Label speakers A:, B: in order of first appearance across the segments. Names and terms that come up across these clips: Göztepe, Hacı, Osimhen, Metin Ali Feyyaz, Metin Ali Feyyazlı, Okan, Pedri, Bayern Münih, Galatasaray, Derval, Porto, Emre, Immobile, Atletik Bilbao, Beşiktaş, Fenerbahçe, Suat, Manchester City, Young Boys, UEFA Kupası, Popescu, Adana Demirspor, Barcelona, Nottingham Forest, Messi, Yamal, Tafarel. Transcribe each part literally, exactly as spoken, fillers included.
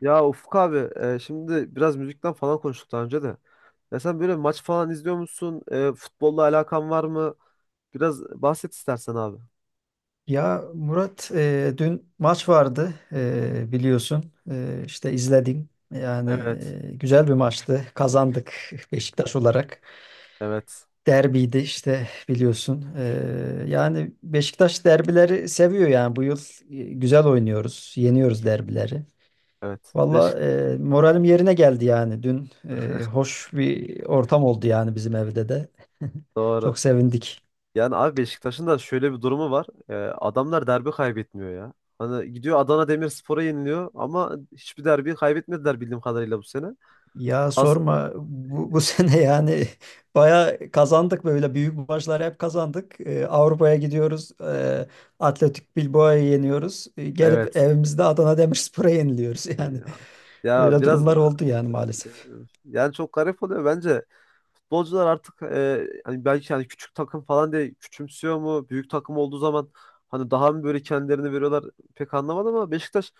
A: Ya Ufuk abi e, şimdi biraz müzikten falan konuştuk daha önce de. Ya sen böyle maç falan izliyor musun? E, futbolla alakan var mı? Biraz bahset istersen abi.
B: Ya Murat, e, dün maç vardı, e, biliyorsun. E, işte izledim yani.
A: Evet,
B: E, güzel bir maçtı, kazandık Beşiktaş olarak.
A: evet,
B: Derbiydi işte, biliyorsun. E, yani Beşiktaş derbileri seviyor yani bu yıl. E, güzel oynuyoruz, yeniyoruz derbileri.
A: evet. Beşik
B: Valla, e, moralim yerine geldi yani dün. E, hoş bir ortam oldu yani bizim evde de.
A: doğru.
B: Çok sevindik.
A: Yani abi Beşiktaş'ın da şöyle bir durumu var. E, adamlar derbi kaybetmiyor ya. Hani gidiyor Adana Demirspor'a yeniliyor ama hiçbir derbi kaybetmediler bildiğim kadarıyla bu sene.
B: Ya
A: Az
B: sorma, bu, bu sene yani baya kazandık, böyle büyük maçlar hep kazandık. Ee, Avrupa'ya gidiyoruz. E, Atletik Bilbao'yu yeniyoruz. Ee, gelip
A: evet.
B: evimizde Adana Demirspor'a yeniliyoruz
A: E,
B: yani.
A: Ya, ya
B: Böyle
A: biraz e,
B: durumlar oldu yani, maalesef.
A: yani çok garip oluyor bence. Futbolcular artık e, hani belki hani küçük takım falan diye küçümsüyor mu? Büyük takım olduğu zaman hani daha mı böyle kendilerini veriyorlar pek anlamadım ama Beşiktaş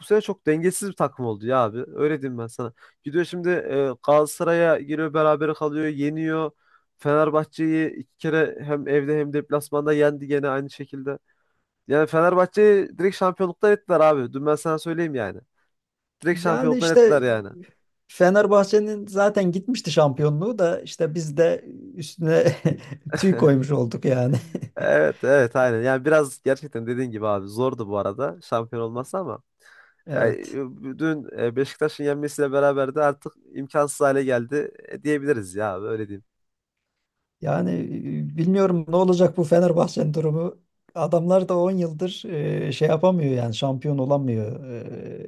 A: bu sene çok dengesiz bir takım oldu ya abi. Öyle diyeyim ben sana. Gidiyor şimdi e, Galatasaray'a giriyor berabere kalıyor, yeniyor. Fenerbahçe'yi iki kere hem evde hem deplasmanda yendi gene aynı şekilde. Yani Fenerbahçe'yi direkt şampiyonluktan ettiler abi. Dün ben sana söyleyeyim yani. Direkt
B: Yani
A: şampiyonluktan
B: işte
A: ettiler yani.
B: e, Fenerbahçe'nin zaten gitmişti şampiyonluğu da, işte biz de üstüne tüy koymuş olduk yani.
A: Evet, evet, aynen. Yani biraz gerçekten dediğin gibi abi zordu bu arada şampiyon olması ama yani
B: Evet.
A: e, dün e, Beşiktaş'ın yenmesiyle beraber de artık imkansız hale geldi e, diyebiliriz ya abi öyle diyeyim.
B: Yani e, bilmiyorum ne olacak bu Fenerbahçe'nin durumu. Adamlar da on yıldır e, şey yapamıyor yani, şampiyon olamıyor.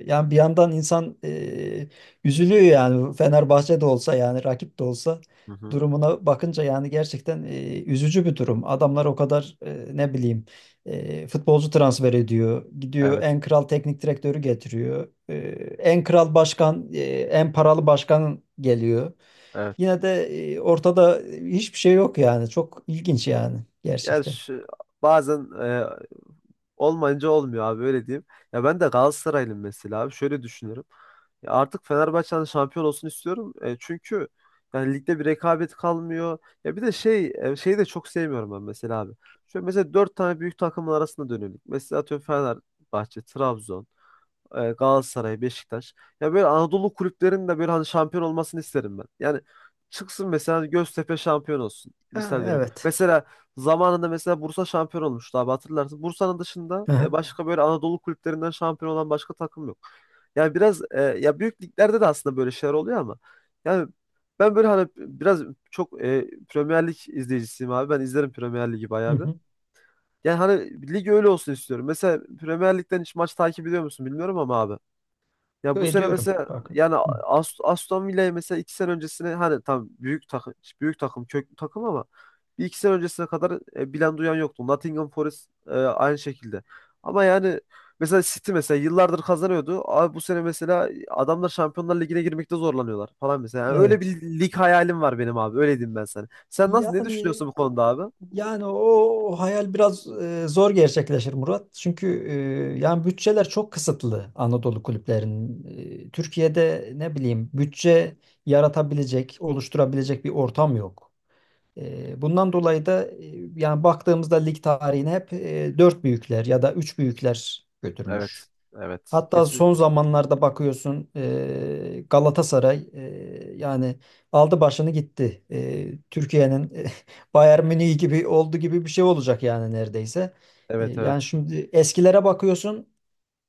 B: E, yani bir yandan insan e, üzülüyor yani, Fenerbahçe de olsa yani, rakip de olsa,
A: Hı hı.
B: durumuna bakınca yani gerçekten e, üzücü bir durum. Adamlar o kadar e, ne bileyim e, futbolcu transfer ediyor. Gidiyor
A: Evet,
B: en kral teknik direktörü getiriyor. E, en kral başkan, e, en paralı başkan geliyor,
A: evet.
B: yine de e, ortada hiçbir şey yok yani. Çok ilginç yani,
A: Yani
B: gerçekten.
A: şu, bazen e, Olmayınca olmuyor abi öyle diyeyim. Ya ben de Galatasaraylıyım mesela abi. Şöyle düşünüyorum. Ya artık Fenerbahçe'nin şampiyon olsun istiyorum. E, çünkü yani ligde bir rekabet kalmıyor. Ya bir de şey e, şeyi de çok sevmiyorum ben mesela abi. Şöyle mesela dört tane büyük takımın arasında dönüyorum. Mesela atıyorum Fenerbahçe, Trabzon e, Galatasaray, Beşiktaş. Ya böyle Anadolu kulüplerinin de böyle hani şampiyon olmasını isterim ben. Yani çıksın mesela hani Göztepe şampiyon olsun. Misal
B: Yani,
A: vereyim.
B: evet.
A: Mesela zamanında mesela Bursa şampiyon olmuştu abi hatırlarsın. Bursa'nın dışında
B: Hı
A: e,
B: hı.
A: başka böyle Anadolu kulüplerinden şampiyon olan başka takım yok. Yani biraz e, ya büyük liglerde de aslında böyle şeyler oluyor ama yani ben böyle hani biraz çok e, Premier Lig izleyicisiyim abi. Ben izlerim Premier Ligi
B: Hı
A: bayağı bir.
B: hı.
A: Yani hani lig öyle olsun istiyorum. Mesela Premier Lig'den hiç maç takip ediyor musun bilmiyorum ama abi. Ya
B: Yo,
A: bu sene
B: ediyorum.
A: mesela
B: Bak.
A: yani
B: Hı.
A: Ast- Aston Villa'ya mesela iki sene öncesine hani tam büyük takım büyük takım köklü takım ama bir iki sene öncesine kadar e, bilen duyan yoktu. Nottingham Forest e, aynı şekilde. Ama yani mesela City mesela yıllardır kazanıyordu. Abi bu sene mesela adamlar Şampiyonlar Ligi'ne girmekte zorlanıyorlar falan mesela. Yani öyle
B: Evet.
A: bir lig hayalim var benim abi. Öyle diyeyim ben sana. Sen nasıl ne
B: Yani
A: düşünüyorsun bu konuda abi?
B: yani o hayal biraz e, zor gerçekleşir, Murat. Çünkü e, yani bütçeler çok kısıtlı Anadolu kulüplerinin. E, Türkiye'de ne bileyim bütçe yaratabilecek, oluşturabilecek bir ortam yok. E, bundan dolayı da e, yani baktığımızda lig tarihine hep e, dört büyükler ya da üç büyükler götürmüş.
A: Evet. Evet.
B: Hatta son
A: Kesinlikle düşünüyorum.
B: zamanlarda bakıyorsun, e, Galatasaray e, yani aldı başını gitti. E, Türkiye'nin e, Bayern Münih gibi oldu, gibi bir şey olacak yani neredeyse. E,
A: Evet,
B: yani
A: evet.
B: şimdi eskilere bakıyorsun.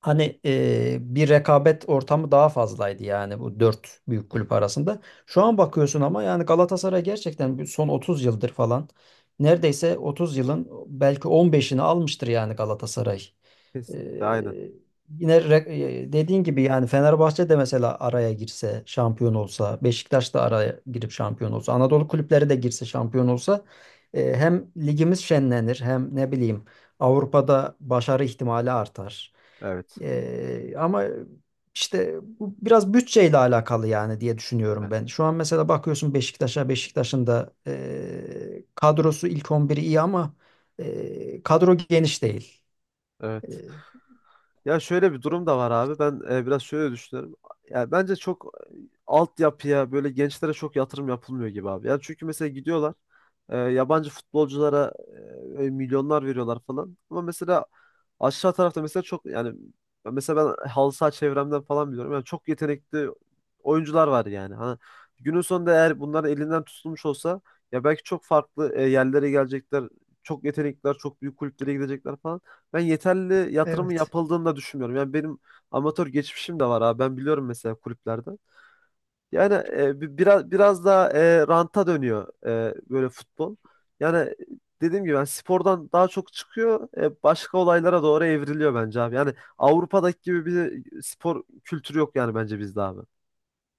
B: Hani eee, bir rekabet ortamı daha fazlaydı yani bu dört büyük kulüp arasında. Şu an bakıyorsun ama, yani Galatasaray gerçekten bir son otuz yıldır falan, neredeyse otuz yılın belki on beşini almıştır yani Galatasaray.
A: Kesinlikle aynen.
B: Eee, Yine re- eee, dediğin gibi yani Fenerbahçe de mesela araya girse şampiyon olsa, Beşiktaş da araya girip şampiyon olsa, Anadolu kulüpleri de girse şampiyon olsa, eee, hem ligimiz şenlenir hem ne bileyim Avrupa'da başarı ihtimali artar.
A: Evet.
B: Ee, ama işte bu biraz bütçeyle alakalı yani diye
A: Evet.
B: düşünüyorum ben. Şu an mesela bakıyorsun Beşiktaş'a, Beşiktaş'ın da e, kadrosu ilk on biri iyi ama e, kadro geniş değil. E,
A: Evet. Ya şöyle bir durum da var abi. Ben e, biraz şöyle düşünüyorum. Ya bence çok e, altyapıya böyle gençlere çok yatırım yapılmıyor gibi abi. Yani çünkü mesela gidiyorlar e, yabancı futbolculara e, milyonlar veriyorlar falan. Ama mesela aşağı tarafta mesela çok yani mesela ben halı saha çevremden falan biliyorum. Yani çok yetenekli oyuncular var yani. Hani günün sonunda eğer bunların elinden tutulmuş olsa ya belki çok farklı e, yerlere gelecekler. Çok yetenekliler, çok büyük kulüplere gidecekler falan. Ben yeterli yatırımın
B: evet.
A: yapıldığını da düşünmüyorum. Yani benim amatör geçmişim de var abi. Ben biliyorum mesela kulüplerde. Yani e, bi- biraz biraz daha e, ranta dönüyor e, böyle futbol. Yani dediğim gibi yani spordan daha çok çıkıyor, e, başka olaylara doğru evriliyor bence abi. Yani Avrupa'daki gibi bir spor kültürü yok yani bence bizde abi.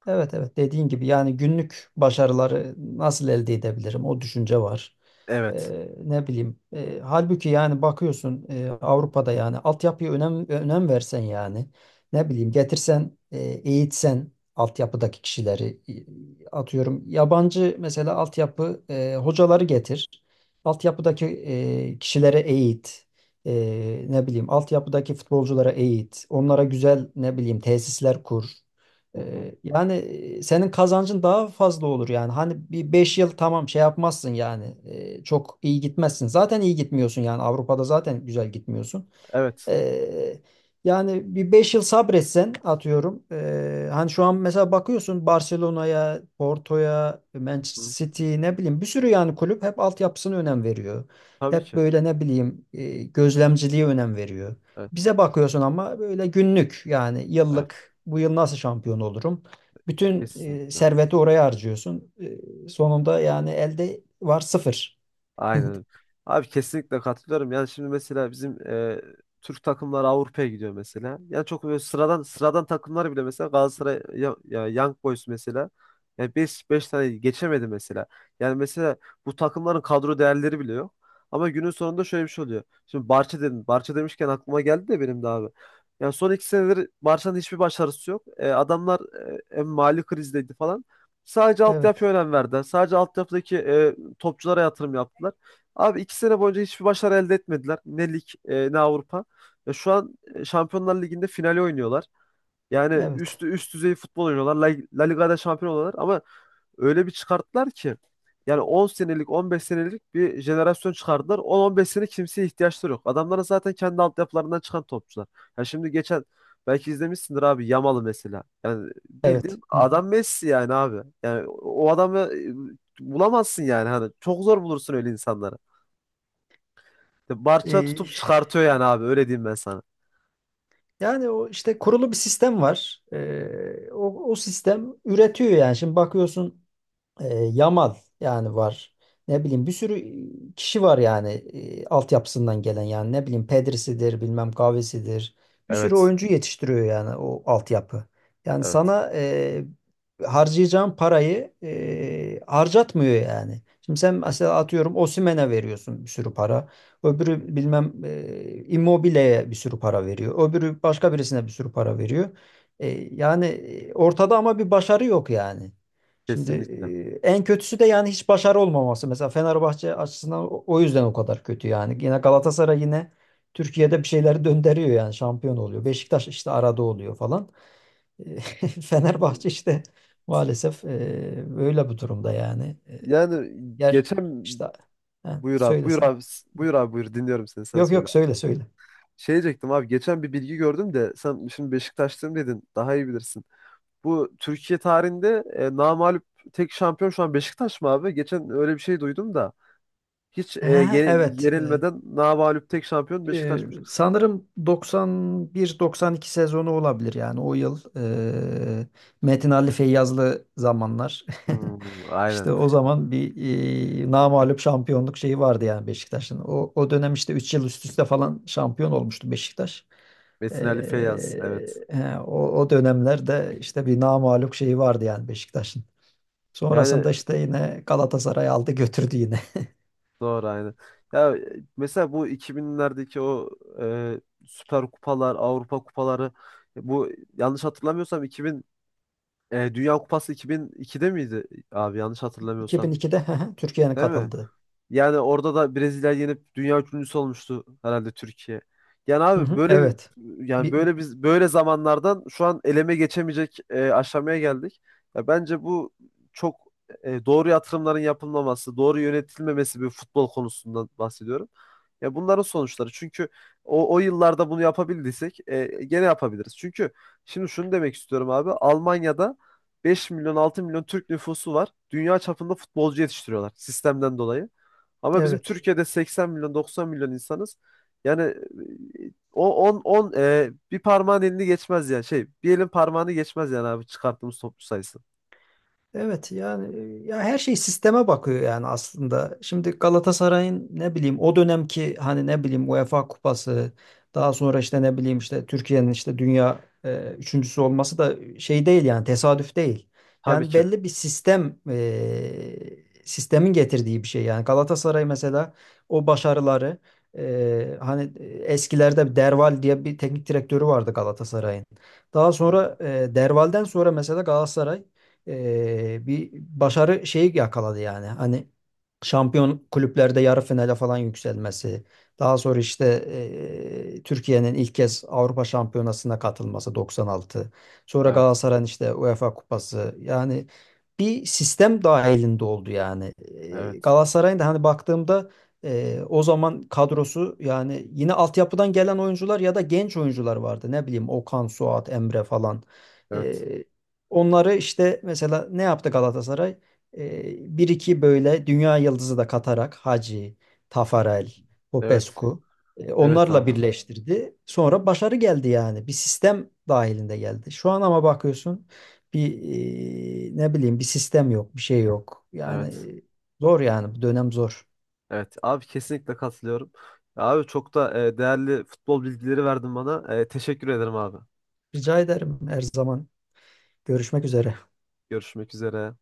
B: Evet, evet, dediğin gibi yani günlük başarıları nasıl elde edebilirim, o düşünce var.
A: Evet.
B: Ee, ne bileyim e, halbuki yani bakıyorsun, e, Avrupa'da yani altyapıya önem önem versen yani, ne bileyim getirsen, e, eğitsen altyapıdaki kişileri, e, atıyorum yabancı mesela altyapı e, hocaları getir, altyapıdaki e, kişilere eğit, e, ne bileyim altyapıdaki futbolculara eğit, onlara güzel ne bileyim tesisler kur.
A: Hı hı.
B: Ee, yani e, senin kazancın daha fazla olur yani. Hani bir beş yıl tamam şey yapmazsın yani. Ee, çok iyi gitmezsin. Zaten iyi gitmiyorsun yani. Avrupa'da zaten güzel gitmiyorsun.
A: Evet.
B: Ee, Yani bir beş yıl sabretsen, atıyorum. Ee, hani şu an mesela bakıyorsun Barcelona'ya, Porto'ya,
A: Hı hı.
B: Manchester City, ne bileyim bir sürü yani kulüp hep altyapısına önem veriyor.
A: Tabii
B: Hep
A: ki.
B: böyle ne bileyim e, gözlemciliğe önem veriyor.
A: Evet.
B: Bize bakıyorsun ama böyle günlük yani,
A: Evet.
B: yıllık bu yıl nasıl şampiyon olurum? Bütün e,
A: Kesinlikle.
B: serveti oraya harcıyorsun. E, sonunda yani elde var sıfır.
A: Aynen. Abi kesinlikle katılıyorum. Yani şimdi mesela bizim e, Türk takımları Avrupa'ya gidiyor mesela. Yani çok böyle sıradan sıradan takımlar bile mesela Galatasaray ya, ya Young Boys mesela yani beş 5 tane geçemedi mesela. Yani mesela bu takımların kadro değerleri bile yok. Ama günün sonunda şöyle bir şey oluyor. Şimdi Barça dedim. Barça demişken aklıma geldi de benim de abi. Yani son iki senedir Barça'nın hiçbir başarısı yok. E, adamlar e, hem mali krizdeydi falan. Sadece
B: Evet,
A: altyapıya önem verdiler. Sadece altyapıdaki e, topçulara yatırım yaptılar. Abi iki sene boyunca hiçbir başarı elde etmediler. Ne lig e, ne Avrupa. Ya şu an e, Şampiyonlar Ligi'nde finali oynuyorlar. Yani
B: evet,
A: üstü üst düzey futbol oynuyorlar. La, La Liga'da şampiyon oluyorlar ama öyle bir çıkarttılar ki yani on senelik on beş senelik bir jenerasyon çıkardılar. on on beş sene kimseye ihtiyaçları yok. Adamların zaten kendi altyapılarından çıkan topçular. Ya şimdi geçen belki izlemişsindir abi Yamal'ı mesela. Yani
B: evet.
A: bildiğin
B: Hı hı.
A: adam Messi yani abi. Yani o o adamı e, bulamazsın yani hani çok zor bulursun öyle insanları. Barça
B: E,
A: tutup çıkartıyor yani abi öyle diyeyim ben sana.
B: Yani o işte kurulu bir sistem var. E, o, o sistem üretiyor yani. Şimdi bakıyorsun. E, Yamal yani var. Ne bileyim bir sürü e, kişi var yani, e, altyapısından gelen yani, ne bileyim Pedri'sidir, bilmem kahvesidir. Bir sürü
A: Evet.
B: oyuncu yetiştiriyor yani o altyapı. Yani
A: Evet.
B: sana e, harcayacağın parayı e, harcatmıyor yani. Şimdi sen
A: Evet.
B: mesela atıyorum Osimhen'e veriyorsun bir sürü para. Öbürü bilmem e, Immobile'ye bir sürü para veriyor. Öbürü başka birisine bir sürü para veriyor. E, Yani e, ortada ama bir başarı yok yani. Şimdi
A: Kesinlikle.
B: e, en kötüsü de yani hiç başarı olmaması. Mesela Fenerbahçe açısından o o yüzden o kadar kötü yani. Yine Galatasaray yine Türkiye'de bir şeyleri döndürüyor yani, şampiyon oluyor. Beşiktaş işte arada oluyor falan. E, Fenerbahçe işte maalesef e, böyle bu durumda yani. E,
A: Yani
B: Yer
A: geçen
B: işte, ha,
A: buyur abi, buyur
B: söylesen.
A: abi, buyur abi, buyur, dinliyorum seni, sen
B: Yok,
A: söyle
B: yok,
A: abi.
B: söyle söyle.
A: Şey diyecektim abi, geçen bir bilgi gördüm de sen şimdi Beşiktaşlıyım dedin, daha iyi bilirsin. Bu Türkiye tarihinde e, namağlup tek şampiyon şu an Beşiktaş mı abi? Geçen öyle bir şey duydum da. Hiç e,
B: Ha,
A: ye-
B: evet.
A: yenilmeden namağlup tek şampiyon
B: Ee,
A: Beşiktaş'mış.
B: sanırım doksan bir doksan iki sezonu olabilir yani, o yıl, ee, Metin Ali Feyyazlı zamanlar.
A: Hmm, aynen.
B: İşte o zaman bir ee, namağlup şampiyonluk şeyi vardı yani Beşiktaş'ın. O, o dönem işte üç yıl üst üste falan şampiyon olmuştu Beşiktaş.
A: Metin Ali Feyyaz. Evet.
B: Ee, he, o, o dönemlerde işte bir namağlup şeyi vardı yani Beşiktaş'ın.
A: Yani
B: Sonrasında işte yine Galatasaray aldı götürdü yine.
A: doğru aynen. Ya e, mesela bu iki binlerdeki o e, Süper Kupalar, Avrupa Kupaları e, bu yanlış hatırlamıyorsam iki bin e, Dünya Kupası iki bin ikide miydi abi, yanlış hatırlamıyorsam.
B: iki bin ikide Türkiye'nin
A: Değil mi?
B: katıldığı.
A: Yani orada da Brezilya yenip dünya üçüncüsü olmuştu herhalde Türkiye. Yani
B: Hı
A: abi
B: hı,
A: böyle bir
B: evet.
A: yani
B: Bir,
A: böyle biz böyle zamanlardan şu an eleme geçemeyecek e, aşamaya geldik. Ya bence bu çok e, doğru yatırımların yapılmaması, doğru yönetilmemesi bir futbol konusundan bahsediyorum. Ya bunların sonuçları. Çünkü o, o yıllarda bunu yapabildiysek e, gene yapabiliriz. Çünkü şimdi şunu demek istiyorum abi. Almanya'da beş milyon altı milyon Türk nüfusu var. Dünya çapında futbolcu yetiştiriyorlar sistemden dolayı. Ama bizim
B: evet.
A: Türkiye'de seksen milyon doksan milyon insanız. Yani e, o on on e, bir parmağın elini geçmez yani şey bir elin parmağını geçmez yani abi, çıkarttığımız toplu sayısı.
B: Evet yani e, ya her şey sisteme bakıyor yani aslında. Şimdi Galatasaray'ın ne bileyim o dönemki hani ne bileyim UEFA Kupası, daha sonra işte ne bileyim işte Türkiye'nin işte dünya e, üçüncüsü olması da şey değil yani, tesadüf değil.
A: Tabii
B: Yani
A: ki. Hı
B: belli bir sistem, e, sistemin getirdiği bir şey yani. Galatasaray mesela o başarıları, e, hani eskilerde bir Derval diye bir teknik direktörü vardı Galatasaray'ın. Daha sonra
A: hı.
B: e, Derval'den sonra mesela Galatasaray e, bir başarı şeyi yakaladı yani. Hani şampiyon kulüplerde yarı finale falan yükselmesi. Daha sonra işte e, Türkiye'nin ilk kez Avrupa Şampiyonası'na katılması, doksan altı. Sonra
A: Evet.
B: Galatasaray'ın işte UEFA Kupası. Yani bir sistem dahilinde oldu yani. E,
A: Evet.
B: Galatasaray'ın da hani baktığımda e, o zaman kadrosu yani yine altyapıdan gelen oyuncular ya da genç oyuncular vardı. Ne bileyim Okan, Suat, Emre falan. E,
A: Evet.
B: Onları işte mesela ne yaptı Galatasaray? Ee, bir iki böyle dünya yıldızı da katarak Hacı, Tafarel,
A: Evet.
B: Popescu, e,
A: Evet
B: onlarla
A: abi.
B: birleştirdi. Sonra başarı geldi yani. Bir sistem dahilinde geldi. Şu an ama bakıyorsun bir e, ne bileyim, bir sistem yok, bir şey yok. Yani
A: Evet.
B: e, zor yani bu dönem zor.
A: Evet. Abi kesinlikle katılıyorum. Abi çok da e, değerli futbol bilgileri verdin bana. E, teşekkür ederim abi.
B: Rica ederim, her zaman. Görüşmek üzere.
A: Görüşmek üzere.